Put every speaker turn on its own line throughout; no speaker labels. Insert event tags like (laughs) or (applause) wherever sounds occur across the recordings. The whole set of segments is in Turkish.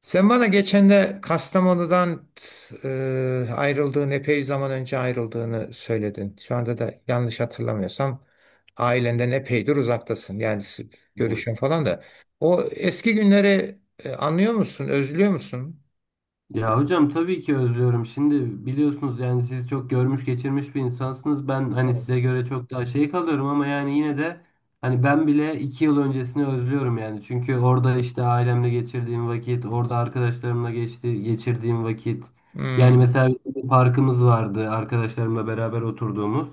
Sen bana geçen de Kastamonu'dan ayrıldığın, epey zaman önce ayrıldığını söyledin. Şu anda da yanlış hatırlamıyorsam ailenden epeydir uzaktasın. Yani
Evet.
görüşün falan da. O eski günleri anlıyor musun, özlüyor musun?
Ya hocam tabii ki özlüyorum. Şimdi biliyorsunuz yani siz çok görmüş geçirmiş bir insansınız. Ben hani
Tamam.
size göre çok daha şey kalıyorum ama yani yine de hani ben bile 2 yıl öncesini özlüyorum yani. Çünkü orada işte ailemle geçirdiğim vakit, orada arkadaşlarımla geçirdiğim vakit. Yani
Hmm.
mesela bir parkımız vardı arkadaşlarımla beraber oturduğumuz.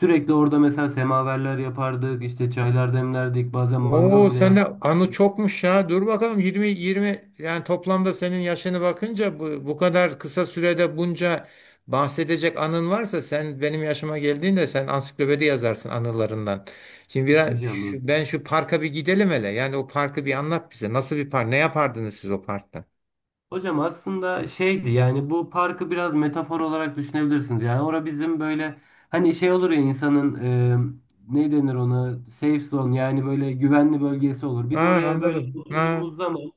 Sürekli orada mesela semaverler yapardık, işte çaylar demlerdik, bazen mangal
Oo
bile
sende
yaktık.
anı çokmuş ya. Dur bakalım 20 20 yani toplamda senin yaşını bakınca bu kadar kısa sürede bunca bahsedecek anın varsa sen benim yaşıma geldiğinde sen ansiklopedi yazarsın anılarından. Şimdi biraz
İnşallah.
ben şu parka bir gidelim hele. Yani o parkı bir anlat bize. Nasıl bir park? Ne yapardınız siz o parkta?
Hocam aslında şeydi yani bu parkı biraz metafor olarak düşünebilirsiniz. Yani orada bizim böyle hani şey olur ya insanın ne denir ona safe zone yani böyle güvenli bölgesi olur.
Ha,
Biz oraya böyle
anladım. Ha,
oturduğumuz zaman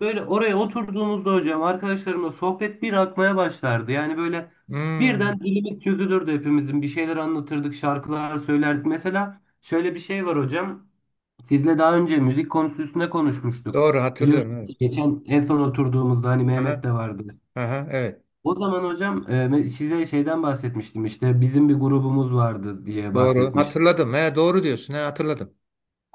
böyle oraya oturduğumuzda hocam arkadaşlarımla sohbet bir akmaya başlardı. Yani böyle
hmm.
birden dilimiz çözülürdü hepimizin bir şeyler anlatırdık şarkılar söylerdik. Mesela şöyle bir şey var hocam. Sizle daha önce müzik konusu üstünde konuşmuştuk.
Doğru
Biliyorsunuz
hatırlıyorum.
ki geçen en son oturduğumuzda hani
Evet.
Mehmet de vardı.
Aha, aha, evet.
O zaman hocam size şeyden bahsetmiştim işte bizim bir grubumuz vardı diye
Doğru
bahsetmiştim.
hatırladım. He, doğru diyorsun. He, hatırladım.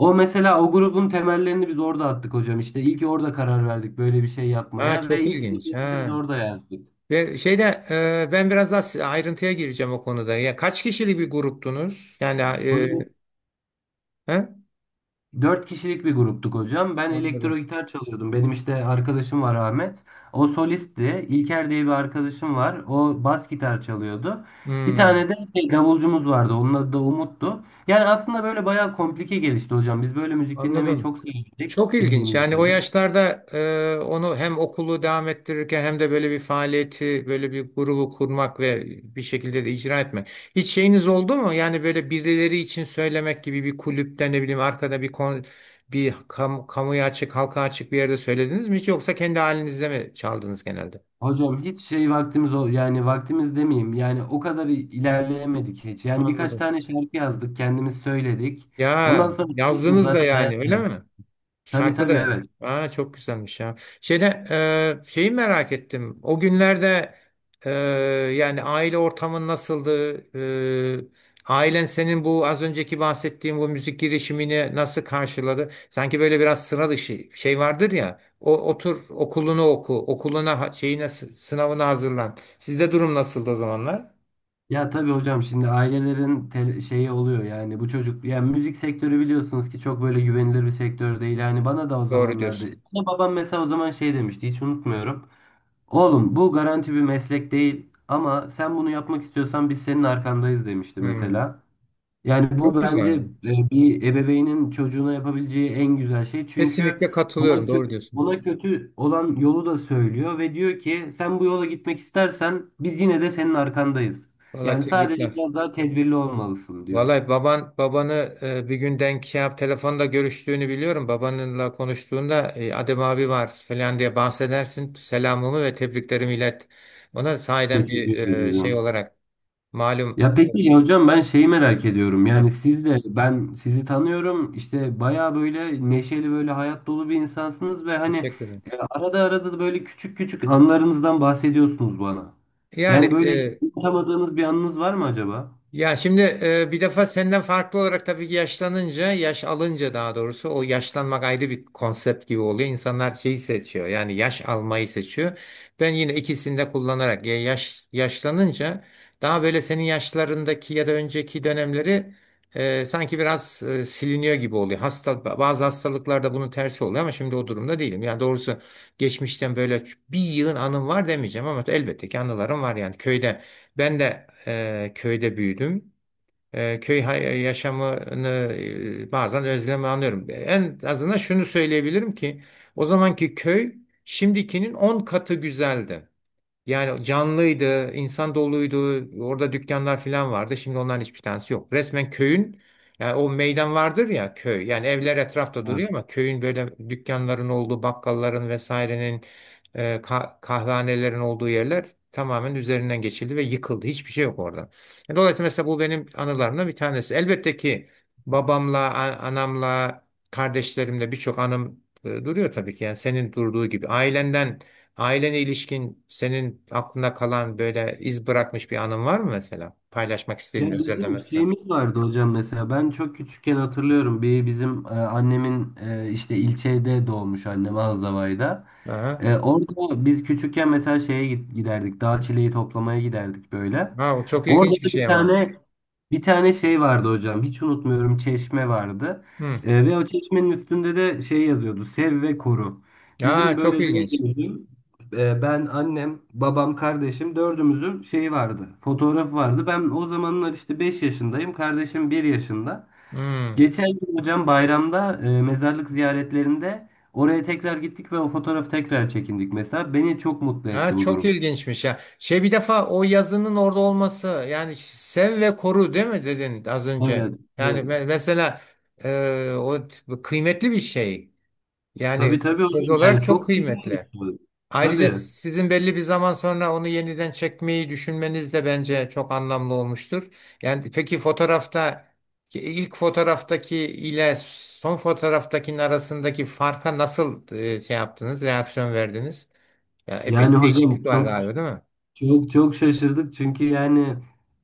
O mesela o grubun temellerini biz orada attık hocam. İşte ilk orada karar verdik böyle bir şey
Ha,
yapmaya ve
çok
ilk
ilginç.
sözlerimizi biz
Ha.
orada yazdık.
Ve şeyde ben biraz daha ayrıntıya gireceğim o konuda. Ya kaç kişilik bir gruptunuz? Yani
Hocam
he?
4 kişilik bir gruptuk hocam. Ben elektro
Anladım.
gitar çalıyordum. Benim işte arkadaşım var Ahmet. O solistti. İlker diye bir arkadaşım var. O bas gitar çalıyordu. Bir tane
Hmm,
de şey, davulcumuz vardı. Onun adı da Umut'tu. Yani aslında böyle bayağı komplike gelişti hocam. Biz böyle müzik dinlemeyi
anladım.
çok
Çok
sevdik
ilginç.
bildiğiniz
Yani o
üzere.
yaşlarda onu hem okulu devam ettirirken hem de böyle bir faaliyeti, böyle bir grubu kurmak ve bir şekilde de icra etmek. Hiç şeyiniz oldu mu? Yani böyle birileri için söylemek gibi bir kulüpte ne bileyim arkada bir kamuya açık, halka açık bir yerde söylediniz mi hiç yoksa kendi halinizde mi çaldınız genelde?
Hocam hiç şey vaktimiz ol yani vaktimiz demeyeyim yani o kadar ilerleyemedik hiç. Yani birkaç
Anladım.
tane şarkı yazdık kendimiz söyledik. Ondan
Ya
sonra biliyorsunuz
yazdınız da
zaten
yani
hayat
öyle
biraz.
mi?
Tabii
Şarkı
tabii
da.
evet.
Aa, çok güzelmiş ya. Şeyde şeyi merak ettim. O günlerde e, yani aile ortamın nasıldı? E, Ailen senin bu az önceki bahsettiğim bu müzik girişimini nasıl karşıladı? Sanki böyle biraz sıra dışı şey vardır ya. O otur okulunu oku, okuluna şeyine sınavına hazırlan. Sizde durum nasıldı o zamanlar?
Ya tabii hocam şimdi ailelerin şeyi oluyor yani bu çocuk yani müzik sektörü biliyorsunuz ki çok böyle güvenilir bir sektör değil. Yani bana da o
Doğru
zamanlarda
diyorsun.
bana babam mesela o zaman şey demişti hiç unutmuyorum. Oğlum bu garanti bir meslek değil ama sen bunu yapmak istiyorsan biz senin arkandayız demişti
Hmm,
mesela. Yani
çok
bu bence
güzel.
bir ebeveynin çocuğuna yapabileceği en güzel şey. Çünkü
Kesinlikle
ona
katılıyorum. Doğru
kötü,
diyorsun.
ona kötü olan yolu da söylüyor ve diyor ki sen bu yola gitmek istersen biz yine de senin arkandayız.
Vallahi
Yani sadece
tebrikler.
biraz daha tedbirli olmalısın diyor.
Vallahi babanı bir gün denk şey yap telefonda görüştüğünü biliyorum. Babanınla konuştuğunda Adem abi var falan diye bahsedersin. Selamımı ve tebriklerimi ilet. Ona sahiden
Teşekkür
bir şey
ederim.
olarak malum.
Ya peki ya hocam ben şeyi merak ediyorum.
Heh,
Yani siz de ben sizi tanıyorum. İşte baya böyle neşeli böyle hayat dolu bir insansınız ve hani
teşekkür ederim.
arada arada da böyle küçük küçük anlarınızdan bahsediyorsunuz bana.
Yani
Yani böyle hiç unutamadığınız bir anınız var mı acaba?
ya şimdi bir defa senden farklı olarak tabii ki yaşlanınca, yaş alınca daha doğrusu o yaşlanmak ayrı bir konsept gibi oluyor. İnsanlar şeyi seçiyor yani yaş almayı seçiyor. Ben yine ikisini de kullanarak ya yaşlanınca daha böyle senin yaşlarındaki ya da önceki dönemleri sanki biraz siliniyor gibi oluyor. Bazı hastalıklarda bunun tersi oluyor ama şimdi o durumda değilim. Yani doğrusu geçmişten böyle bir yığın anım var demeyeceğim ama elbette ki anılarım var yani köyde. Ben de köyde büyüdüm. Köy yaşamını bazen özlemi anlıyorum. En azından şunu söyleyebilirim ki o zamanki köy şimdikinin 10 katı güzeldi. Yani canlıydı, insan doluydu, orada dükkanlar falan vardı. Şimdi onların hiçbir tanesi yok. Resmen köyün, yani o meydan vardır ya köy. Yani evler etrafta duruyor ama köyün böyle dükkanların olduğu, bakkalların vesairenin, kahvehanelerin olduğu yerler tamamen üzerinden geçildi ve yıkıldı. Hiçbir şey yok orada. Yani dolayısıyla mesela bu benim anılarımdan bir tanesi. Elbette ki babamla, anamla, kardeşlerimle birçok anım duruyor tabii ki. Yani senin durduğu gibi. Ailene ilişkin senin aklında kalan böyle iz bırakmış bir anın var mı mesela? Paylaşmak
Ya
istediğin
bizim
özellemezsen.
şeyimiz vardı hocam mesela ben çok küçükken hatırlıyorum bir bizim annemin işte ilçede doğmuş annem Azdavay'da.
Aha.
Orada biz küçükken mesela giderdik dağ çileği toplamaya giderdik böyle.
Ha, o çok
Orada
ilginç bir
da
şey
bir
ama.
tane bir tane şey vardı hocam. Hiç unutmuyorum. Çeşme vardı.
Hı.
Ve o çeşmenin üstünde de şey yazıyordu. Sev ve koru.
Ya
Bizim
çok
böyle
ilginç.
dördümüzün ben, annem, babam, kardeşim dördümüzün şeyi vardı. Fotoğrafı vardı. Ben o zamanlar işte 5 yaşındayım. Kardeşim 1 yaşında.
Hı.
Geçen gün hocam bayramda mezarlık ziyaretlerinde oraya tekrar gittik ve o fotoğrafı tekrar çekindik mesela. Beni çok mutlu etti
Ya
bu
çok
durum.
ilginçmiş ya. Şey, bir defa o yazının orada olması yani sev ve koru değil mi dedin az önce?
Evet,
Yani
evet.
mesela kıymetli bir şey.
Tabii
Yani
tabii
söz
hocam yani
olarak çok
çok güzel bir
kıymetli.
şey.
Ayrıca
Tabii.
sizin belli bir zaman sonra onu yeniden çekmeyi düşünmeniz de bence çok anlamlı olmuştur. Yani peki fotoğrafta ilk fotoğraftaki ile son fotoğraftakinin arasındaki farka nasıl şey yaptınız, reaksiyon verdiniz? Ya
Yani
epeyce
hocam
değişiklik var
çok
galiba, değil mi?
çok şaşırdık çünkü yani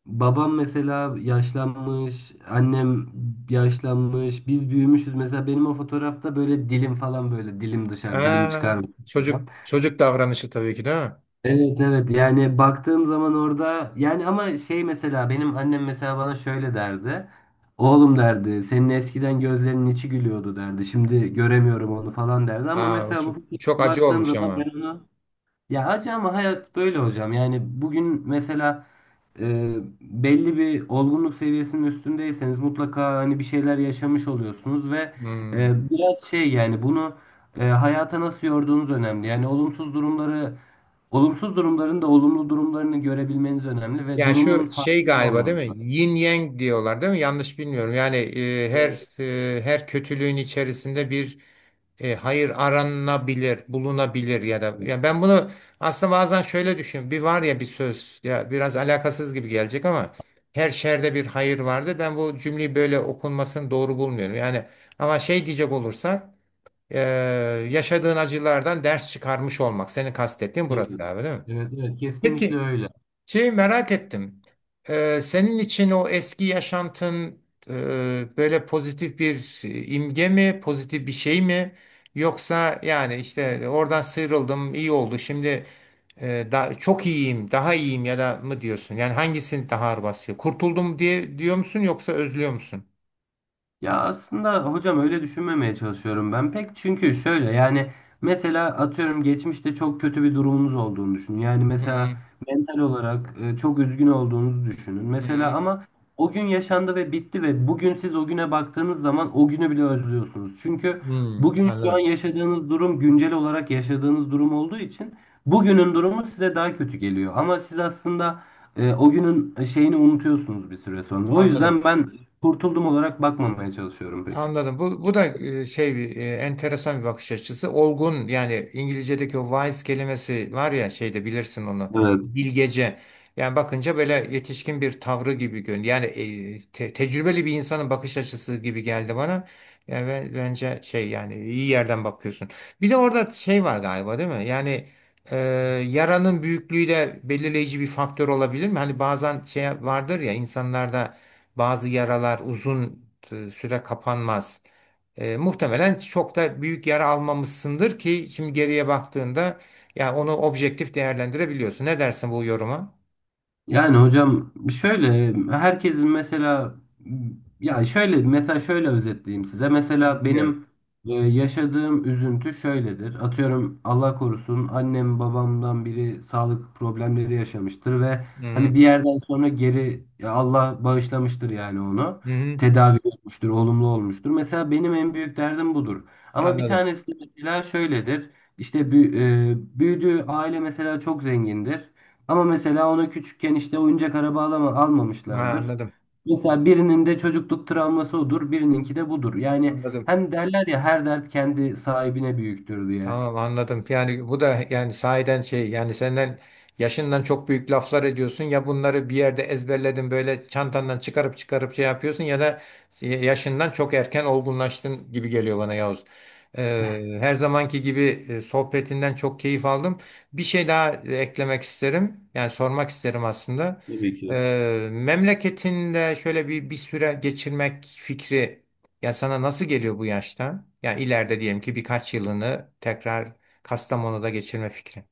babam mesela yaşlanmış, annem yaşlanmış, biz büyümüşüz. Mesela benim o fotoğrafta böyle dilim falan böyle dilim dışarı dilimi
Ha,
çıkarmış falan.
çocuk çocuk davranışı tabii ki değil mi?
Evet evet yani baktığım zaman orada yani ama şey mesela benim annem mesela bana şöyle derdi. Oğlum derdi senin eskiden gözlerinin içi gülüyordu derdi. Şimdi göremiyorum onu falan derdi ama
Aa,
mesela bu
bu çok
fotoğrafa
acı
baktığım
olmuş
zaman
ama.
ben onu ya acı ama hayat böyle hocam. Yani bugün mesela e, belli bir olgunluk seviyesinin üstündeyseniz mutlaka hani bir şeyler yaşamış oluyorsunuz ve
Hmm.
biraz şey yani bunu hayata nasıl yorduğunuz önemli. Yani olumsuz durumları olumsuz durumların da olumlu durumlarını görebilmeniz önemli ve
Yani
durumun
şu şey
farkında
galiba değil
olmanız
mi?
lazım.
Yin yang diyorlar değil mi? Yanlış bilmiyorum. Yani
Evet,
her kötülüğün içerisinde bir hayır aranabilir, bulunabilir ya da ya ben bunu aslında bazen şöyle düşünüyorum. Bir var ya bir söz ya biraz alakasız gibi gelecek ama her şerde bir hayır vardır. Ben bu cümleyi böyle okunmasını doğru bulmuyorum. Yani ama şey diyecek olursak e, yaşadığın acılardan ders çıkarmış olmak. Senin kastettiğin
evet.
burası galiba değil mi?
Evet, evet, kesinlikle
Peki.
öyle.
Şey merak ettim. Senin için o eski yaşantın böyle pozitif bir imge mi, pozitif bir şey mi? Yoksa yani işte oradan sıyrıldım, iyi oldu. Şimdi çok iyiyim, daha iyiyim ya da mı diyorsun? Yani hangisini daha ağır basıyor? Kurtuldum diye diyor musun yoksa özlüyor musun?
Ya aslında hocam öyle düşünmemeye çalışıyorum ben pek çünkü şöyle yani mesela atıyorum geçmişte çok kötü bir durumunuz olduğunu düşünün. Yani
Hı
mesela
hı,
mental olarak çok üzgün olduğunuzu düşünün.
hı
Mesela
hı.
ama o gün yaşandı ve bitti ve bugün siz o güne baktığınız zaman o günü bile özlüyorsunuz. Çünkü
Hmm,
bugün şu
anladım.
an yaşadığınız durum güncel olarak yaşadığınız durum olduğu için bugünün durumu size daha kötü geliyor. Ama siz aslında o günün şeyini unutuyorsunuz bir süre sonra. O
Anladım.
yüzden ben kurtuldum olarak bakmamaya çalışıyorum pek.
Anladım. Bu da şey bir enteresan bir bakış açısı. Olgun yani İngilizce'deki o wise kelimesi var ya şeyde bilirsin onu.
Evet.
Bilgece. Yani bakınca böyle yetişkin bir tavrı gibi görünüyor. Yani tecrübeli bir insanın bakış açısı gibi geldi bana. Yani bence şey yani iyi yerden bakıyorsun. Bir de orada şey var galiba değil mi? Yani e, yaranın büyüklüğü de belirleyici bir faktör olabilir mi? Hani bazen şey vardır ya insanlarda bazı yaralar uzun süre kapanmaz. Muhtemelen çok da büyük yara almamışsındır ki şimdi geriye baktığında yani onu objektif değerlendirebiliyorsun. Ne dersin bu yoruma?
Yani hocam şöyle herkesin mesela ya şöyle mesela şöyle özetleyeyim size.
Ben
Mesela
bilmiyorum.
benim yaşadığım üzüntü şöyledir. Atıyorum Allah korusun annem babamdan biri sağlık problemleri yaşamıştır ve
Hı
hani
hı.
bir yerden sonra geri ya Allah bağışlamıştır yani onu.
Hı hı.
Tedavi olmuştur, olumlu olmuştur. Mesela benim en büyük derdim budur. Ama bir
Anladım.
tanesi de mesela şöyledir. İşte bü- büyüdüğü aile mesela çok zengindir. Ama mesela ona küçükken işte oyuncak araba alama,
Ha,
almamışlardır.
anladım.
Mesela birinin de çocukluk travması odur, birininki de budur. Yani
Anladım.
hem derler ya her dert kendi sahibine büyüktür diye.
Tamam, anladım. Yani bu da yani sahiden şey yani senden yaşından çok büyük laflar ediyorsun ya bunları bir yerde ezberledin böyle çantandan çıkarıp çıkarıp şey yapıyorsun ya da yaşından çok erken olgunlaştın gibi geliyor bana Yavuz. Her zamanki gibi sohbetinden çok keyif aldım. Bir şey daha eklemek isterim. Yani sormak isterim aslında.
Tabii ki.
Memleketinde şöyle bir süre geçirmek fikri ya sana nasıl geliyor bu yaşta? Yani ileride diyelim ki birkaç yılını tekrar Kastamonu'da geçirme fikri.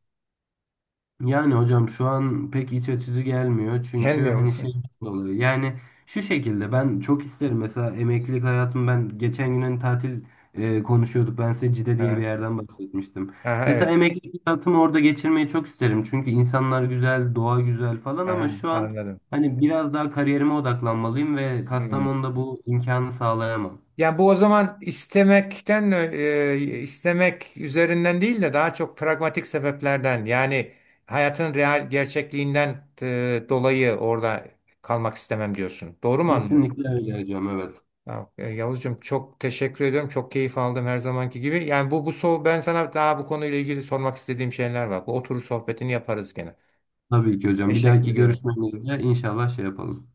Yani hocam şu an pek iç açıcı gelmiyor çünkü
Gelmiyor mu?
hani şey
(laughs)
dolayı yani şu şekilde ben çok isterim mesela emeklilik hayatım ben geçen gün hani tatil konuşuyorduk ben size Cide diye bir
Ha,
yerden bahsetmiştim.
aha,
Mesela
evet.
emeklilik hayatımı orada geçirmeyi çok isterim çünkü insanlar güzel doğa güzel falan ama
Aha,
şu an
anladım.
hani biraz daha kariyerime odaklanmalıyım ve
Hmm.
Kastamonu'da bu imkanı sağlayamam.
Ya bu o zaman istemekten istemek üzerinden değil de daha çok pragmatik sebeplerden yani hayatın real gerçekliğinden dolayı orada kalmak istemem diyorsun. Doğru mu anlıyorum?
Kesinlikle öyle hocam evet.
Ya, Yavuzcuğum çok teşekkür ediyorum. Çok keyif aldım her zamanki gibi. Yani bu bu so ben sana daha bu konuyla ilgili sormak istediğim şeyler var. Bu oturur sohbetini yaparız gene.
Tabii ki hocam bir
Teşekkür
dahaki
ediyorum.
görüşmemizde inşallah şey yapalım.